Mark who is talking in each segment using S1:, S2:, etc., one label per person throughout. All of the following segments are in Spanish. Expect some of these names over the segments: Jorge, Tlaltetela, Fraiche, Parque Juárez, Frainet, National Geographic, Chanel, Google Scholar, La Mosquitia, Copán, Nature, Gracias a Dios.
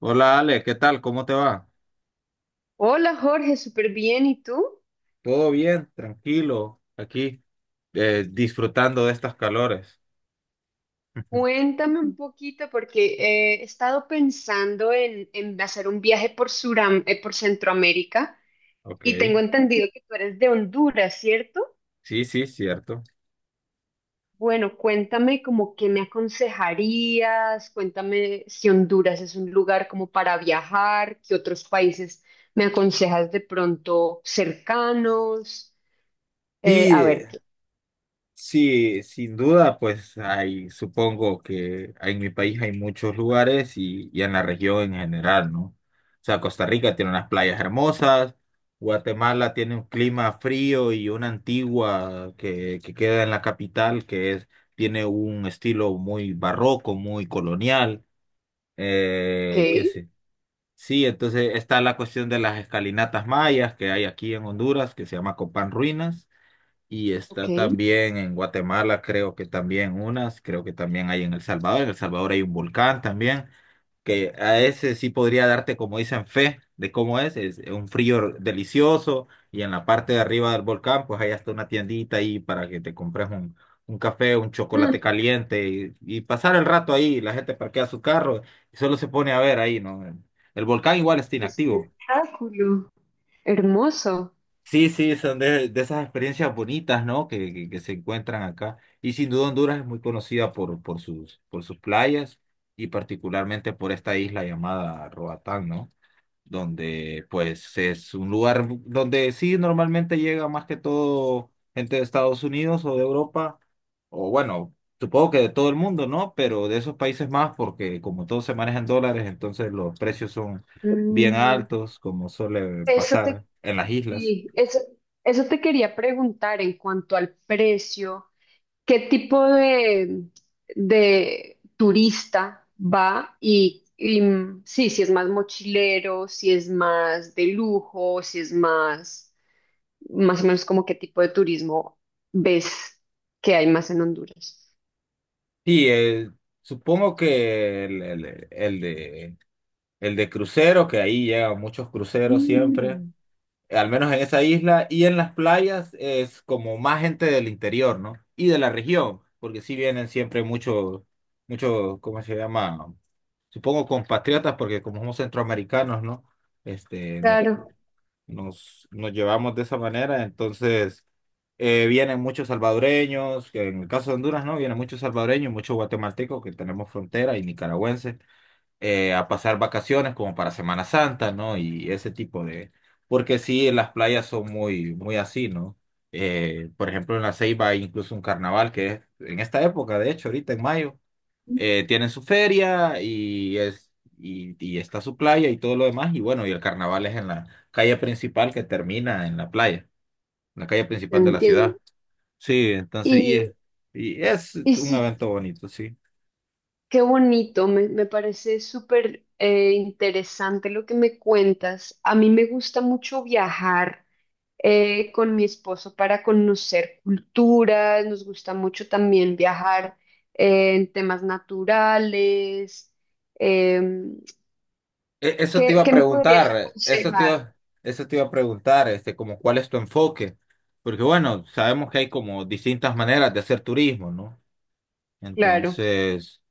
S1: Hola Ale, ¿qué tal? ¿Cómo te va?
S2: Hola Jorge, súper bien. ¿Y tú?
S1: Todo bien, tranquilo, aquí disfrutando de estas calores. Ujú.
S2: Cuéntame un poquito porque he estado pensando en hacer un viaje por por Centroamérica
S1: Ok,
S2: y tengo entendido que tú eres de Honduras, ¿cierto?
S1: sí, sí, cierto.
S2: Bueno, cuéntame como qué me aconsejarías, cuéntame si Honduras es un lugar como para viajar, qué otros países me aconsejas de pronto cercanos.
S1: Y
S2: A
S1: eh,
S2: ver, ¿qué?
S1: sí, sin duda, pues hay, supongo que en mi país hay muchos lugares y en la región en general, ¿no? O sea, Costa Rica tiene unas playas hermosas, Guatemala tiene un clima frío y una antigua que queda en la capital, que es, tiene un estilo muy barroco, muy colonial. ¿Qué sé? Sí, entonces está la cuestión de las escalinatas mayas que hay aquí en Honduras, que se llama Copán Ruinas, y
S2: Ok, ok.
S1: está también en Guatemala, creo que también unas, creo que también hay en El Salvador hay un volcán también, que a ese sí podría darte, como dicen, fe de cómo es un frío delicioso y en la parte de arriba del volcán, pues hay hasta una tiendita ahí para que te compres un café, un chocolate
S2: Mm,
S1: caliente y pasar el rato ahí, la gente parquea su carro y solo se pone a ver ahí, ¿no? El volcán igual está
S2: qué
S1: inactivo.
S2: espectáculo. Hermoso.
S1: Sí, sí, son de esas experiencias bonitas, ¿no? Que se encuentran acá. Y sin duda Honduras es muy conocida por sus playas y particularmente por esta isla llamada Roatán, ¿no? Donde pues es un lugar donde sí normalmente llega más que todo gente de Estados Unidos o de Europa, o bueno, supongo que de todo el mundo, ¿no? Pero de esos países más, porque como todo se maneja en dólares, entonces los precios son bien
S2: Mm,
S1: altos, como suele
S2: eso te,
S1: pasar en las islas.
S2: sí, eso te quería preguntar en cuanto al precio, ¿qué tipo de turista va? Sí, si es más mochilero, si es más de lujo, si es más o menos como qué tipo de turismo ves que hay más en Honduras.
S1: Y eh, supongo que el de crucero, que ahí llegan muchos cruceros siempre.
S2: Mm.
S1: Al menos en esa isla, y en las playas es como más gente del interior, ¿no? Y de la región, porque sí vienen siempre muchos, muchos, ¿cómo se llama? Supongo compatriotas, porque como somos centroamericanos, ¿no? Este,
S2: Claro,
S1: nos llevamos de esa manera, entonces vienen muchos salvadoreños, que en el caso de Honduras, ¿no? Vienen muchos salvadoreños, muchos guatemaltecos que tenemos frontera y nicaragüenses a pasar vacaciones como para Semana Santa, ¿no? Y ese tipo de... Porque sí, las playas son muy, muy así, ¿no? Por ejemplo, en La Ceiba hay incluso un carnaval que es en esta época, de hecho, ahorita en mayo, tienen su feria y es... Y, y está su playa y todo lo demás, y bueno, y el carnaval es en la calle principal que termina en la playa, la calle
S2: te
S1: principal de la
S2: entiendo.
S1: ciudad. Sí, entonces,
S2: Y,
S1: y es
S2: y
S1: un
S2: si
S1: evento bonito, sí.
S2: qué bonito, me parece súper interesante lo que me cuentas. A mí me gusta mucho viajar con mi esposo para conocer culturas, nos gusta mucho también viajar en temas naturales. Em,
S1: E- Eso te iba a
S2: qué me podrías
S1: preguntar, eso te
S2: aconsejar?
S1: iba, eso te iba a preguntar, este, como cuál es tu enfoque, porque bueno, sabemos que hay como distintas maneras de hacer turismo, ¿no?
S2: Claro.
S1: Entonces,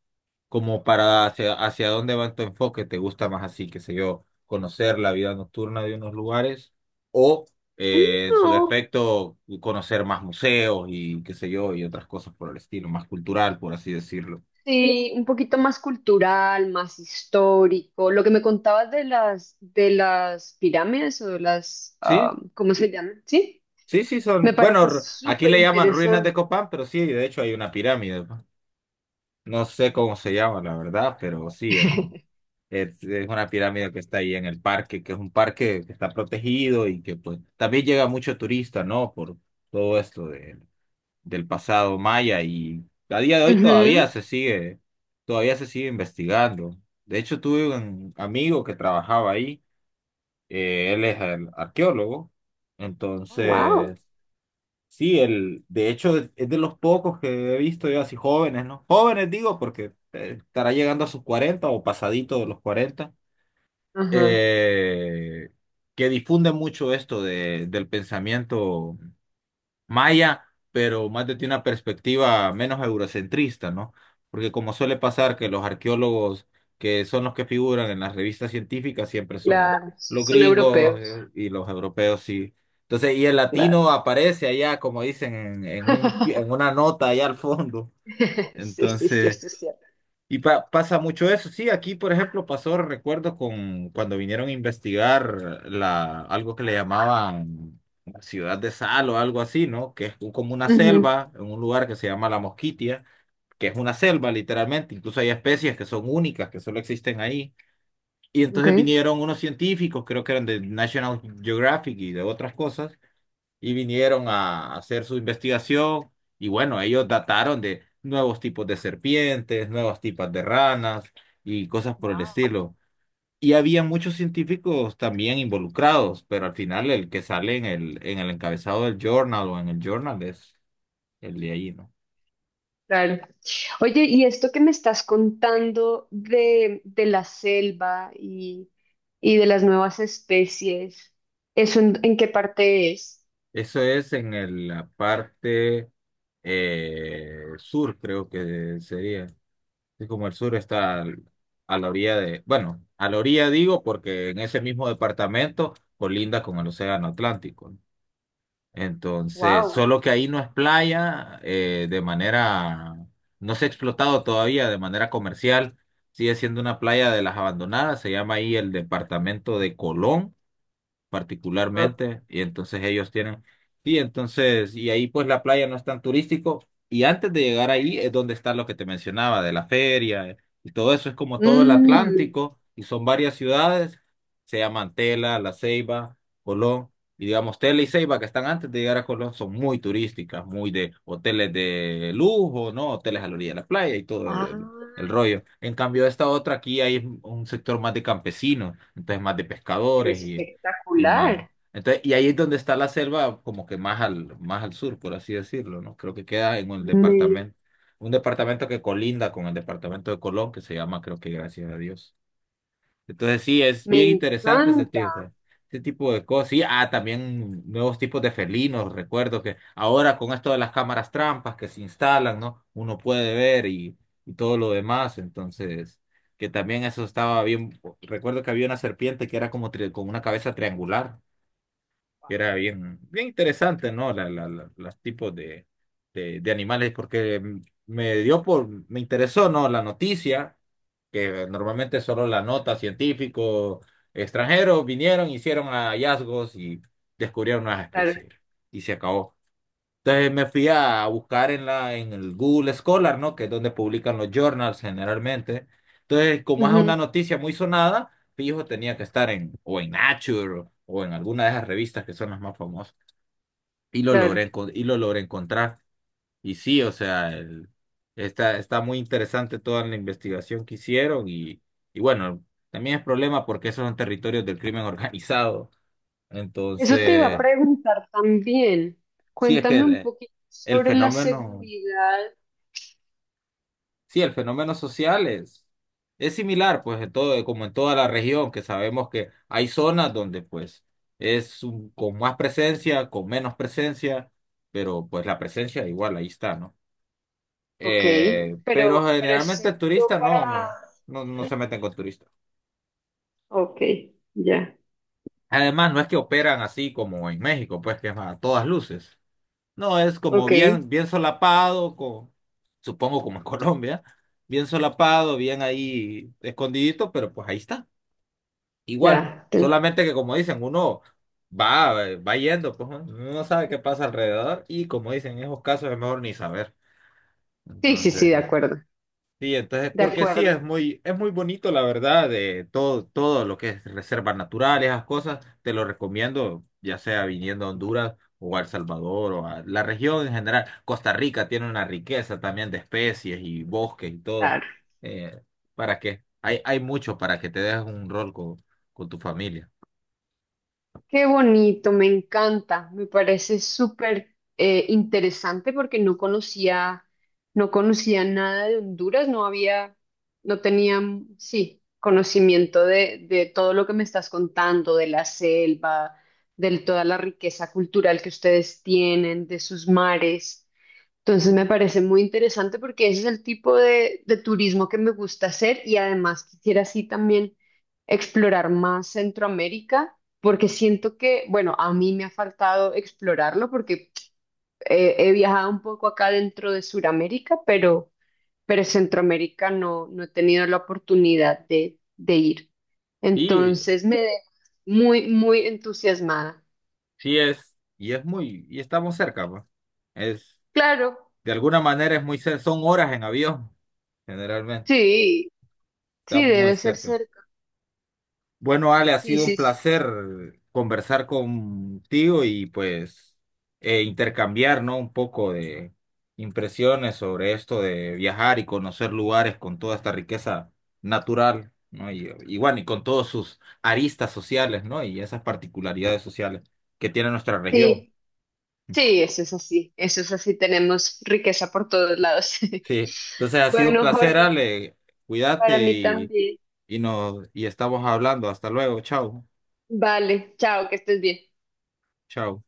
S1: como para hacia dónde va tu enfoque, ¿te gusta más así, qué sé yo, conocer la vida nocturna de unos lugares o en su
S2: No,
S1: defecto conocer más museos y qué sé yo, y otras cosas por el estilo, más cultural, por así decirlo?
S2: sí, un poquito más cultural, más histórico. Lo que me contabas de las pirámides o de las,
S1: Sí,
S2: ah, ¿cómo se llaman? Sí,
S1: sí, sí,
S2: me
S1: son, bueno,
S2: parece
S1: aquí
S2: súper
S1: le llaman ruinas de
S2: interesante.
S1: Copán, pero sí, de hecho hay una pirámide, pues. No sé cómo se llama, la verdad, pero sí, es una pirámide que está ahí en el parque, que es un parque que está protegido y que pues también llega mucho turista, ¿no? Por todo esto del pasado maya y a día de hoy
S2: Ujú.
S1: todavía se sigue investigando. De hecho, tuve un amigo que trabajaba ahí, él es el arqueólogo,
S2: Oh, wow.
S1: entonces... Sí, el, de hecho es de los pocos que he visto yo así jóvenes, ¿no? Jóvenes digo porque estará llegando a sus 40 o pasadito de los cuarenta,
S2: Ajá,
S1: eh, que difunde mucho esto del pensamiento maya, pero más desde una perspectiva menos eurocentrista, ¿no? Porque como suele pasar que los arqueólogos que son los que figuran en las revistas científicas siempre son
S2: claro,
S1: los
S2: son
S1: gringos
S2: europeos.
S1: y los europeos, sí. Entonces, y el latino
S2: Claro.
S1: aparece allá, como dicen, en un, en una nota allá al fondo.
S2: Sí, sí, sí,
S1: Entonces,
S2: esto es cierto.
S1: y pasa mucho eso, sí, aquí por ejemplo pasó, recuerdo, con cuando vinieron a investigar la, algo que le llamaban la ciudad de Sal o algo así, ¿no? Como una selva, en un lugar que se llama La Mosquitia, que es una selva literalmente, incluso hay especies que son únicas, que solo existen ahí. Y
S2: Ujú, ok.
S1: entonces vinieron unos científicos, creo que eran de National Geographic y de otras cosas y vinieron a hacer su investigación y bueno, ellos dataron de nuevos tipos de serpientes, nuevos tipos de ranas y cosas por el
S2: Wow.
S1: estilo. Y había muchos científicos también involucrados, pero al final el que sale en el encabezado del journal o en el journal es el de ahí, ¿no?
S2: Claro. Oye, y esto que me estás contando de la selva y de las nuevas especies, ¿eso en qué parte es?
S1: Eso es en la parte sur, creo que sería. Sí, como el sur está a la orilla de, bueno, a la orilla digo porque en ese mismo departamento colinda con el Océano Atlántico, ¿no? Entonces,
S2: Wow.
S1: solo que ahí no es playa no se ha explotado todavía de manera comercial, sigue siendo una playa de las abandonadas, se llama ahí el departamento de Colón
S2: Ajá.
S1: particularmente, y entonces ellos tienen, y entonces, y ahí pues la playa no es tan turístico, y antes de llegar ahí es donde está lo que te mencionaba, de la feria, y todo eso es como todo el
S2: Mm.
S1: Atlántico, y son varias ciudades, se llaman Tela, La Ceiba, Colón, y digamos Tela y Ceiba que están antes de llegar a Colón son muy turísticas, muy de hoteles de lujo, ¿no? Hoteles a la orilla de la playa y todo el
S2: Ah,
S1: rollo. En cambio, esta otra aquí hay un sector más de campesinos, entonces más de
S2: pero
S1: pescadores y más.
S2: espectacular.
S1: Entonces, y ahí es donde está la selva, como que más al sur, por así decirlo, ¿no? Creo que queda en
S2: Me,
S1: un departamento que colinda con el departamento de Colón, que se llama, creo que Gracias a Dios. Entonces, sí, es
S2: me
S1: bien interesante
S2: encanta.
S1: ese tipo de cosas. Sí, ah, también nuevos tipos de felinos, recuerdo que ahora con esto de las cámaras trampas que se instalan, ¿no? Uno puede ver y todo lo demás, entonces que también eso estaba bien. Recuerdo que había una serpiente que era como con una cabeza triangular. Y era bien, bien interesante, ¿no? Los tipos de animales, porque me dio por, me interesó, ¿no? La noticia, que normalmente solo la nota científico, extranjeros vinieron, hicieron hallazgos y descubrieron unas
S2: Claro.
S1: especies. Y se acabó. Entonces me fui a buscar en en el Google Scholar, ¿no? Que es donde publican los journals generalmente. Entonces, como es
S2: Ujú,
S1: una noticia muy sonada, fijo, tenía que estar en, o en Nature, o en alguna de esas revistas que son las más famosas. Y lo
S2: claro.
S1: logré, enco- y lo logré encontrar. Y sí, o sea, está, está muy interesante toda la investigación que hicieron. Y bueno, también es problema porque esos son territorios del crimen organizado.
S2: Eso te iba a
S1: Entonces,
S2: preguntar también.
S1: sí, es que
S2: Cuéntame un
S1: el
S2: poquito
S1: el
S2: sobre la
S1: fenómeno.
S2: seguridad.
S1: Sí, el fenómeno social es similar, pues, en todo, como en toda la región, que sabemos que hay zonas donde, pues, con más presencia, con menos presencia, pero, pues, la presencia igual ahí está, ¿no?
S2: Ok.
S1: Pero
S2: Pero es
S1: generalmente el
S2: seguro
S1: turista
S2: para
S1: no se meten con turistas.
S2: ok, ya,
S1: Además, no es que operan así como en México, pues, que es a todas luces. No, es como
S2: ok,
S1: bien, bien solapado, con, supongo como en Colombia, bien solapado, bien ahí escondidito, pero pues ahí está. Igual,
S2: ya.
S1: solamente que como dicen, uno va, va yendo, pues, ¿no? Uno no sabe qué pasa alrededor y como dicen, en esos casos es mejor ni saber.
S2: Sí, sí, sí,
S1: Entonces,
S2: de acuerdo.
S1: sí, entonces,
S2: De
S1: porque sí,
S2: acuerdo.
S1: es muy bonito, la verdad, de todo, todo lo que es reservas naturales, esas cosas, te lo recomiendo, ya sea viniendo a Honduras o a El Salvador o a la región en general. Costa Rica tiene una riqueza también de especies y bosques y todo.
S2: Claro.
S1: Eh, ¿Para qué? Hay mucho para que te dejes un rol con tu familia.
S2: Qué bonito, me encanta. Me parece súper interesante porque no no conocía nada de Honduras, no había, no tenía, sí, conocimiento de todo lo que me estás contando, de la selva, de toda la riqueza cultural que ustedes tienen, de sus mares. Entonces me parece muy interesante porque ese es el tipo de turismo que me gusta hacer y además quisiera así también explorar más Centroamérica porque siento que, bueno, a mí me ha faltado explorarlo porque he viajado un poco acá dentro de Sudamérica, pero Centroamérica no, no he tenido la oportunidad de ir.
S1: Y
S2: Entonces me deja muy, muy entusiasmada.
S1: sí es, y es muy, y estamos cerca, pues. Es,
S2: Claro,
S1: de alguna manera es muy cerca, son horas en avión, generalmente,
S2: sí,
S1: está
S2: sí,
S1: muy
S2: debe ser
S1: cerca.
S2: cerca.
S1: Bueno, Ale, ha
S2: Sí,
S1: sido un
S2: sí, sí.
S1: placer conversar contigo y pues intercambiar, ¿no? Un poco de impresiones sobre esto de viajar y conocer lugares con toda esta riqueza natural, ¿no? Y bueno, y con todos sus aristas sociales, ¿no? Y esas particularidades sociales que tiene nuestra región.
S2: Sí. Sí, eso es así, tenemos riqueza por todos lados.
S1: Sí, entonces ha sido un
S2: Bueno,
S1: placer,
S2: Jorge,
S1: Ale.
S2: para
S1: Cuídate
S2: mí también.
S1: y nos y estamos hablando. Hasta luego. Chao.
S2: Vale, chao, que estés bien.
S1: Chao.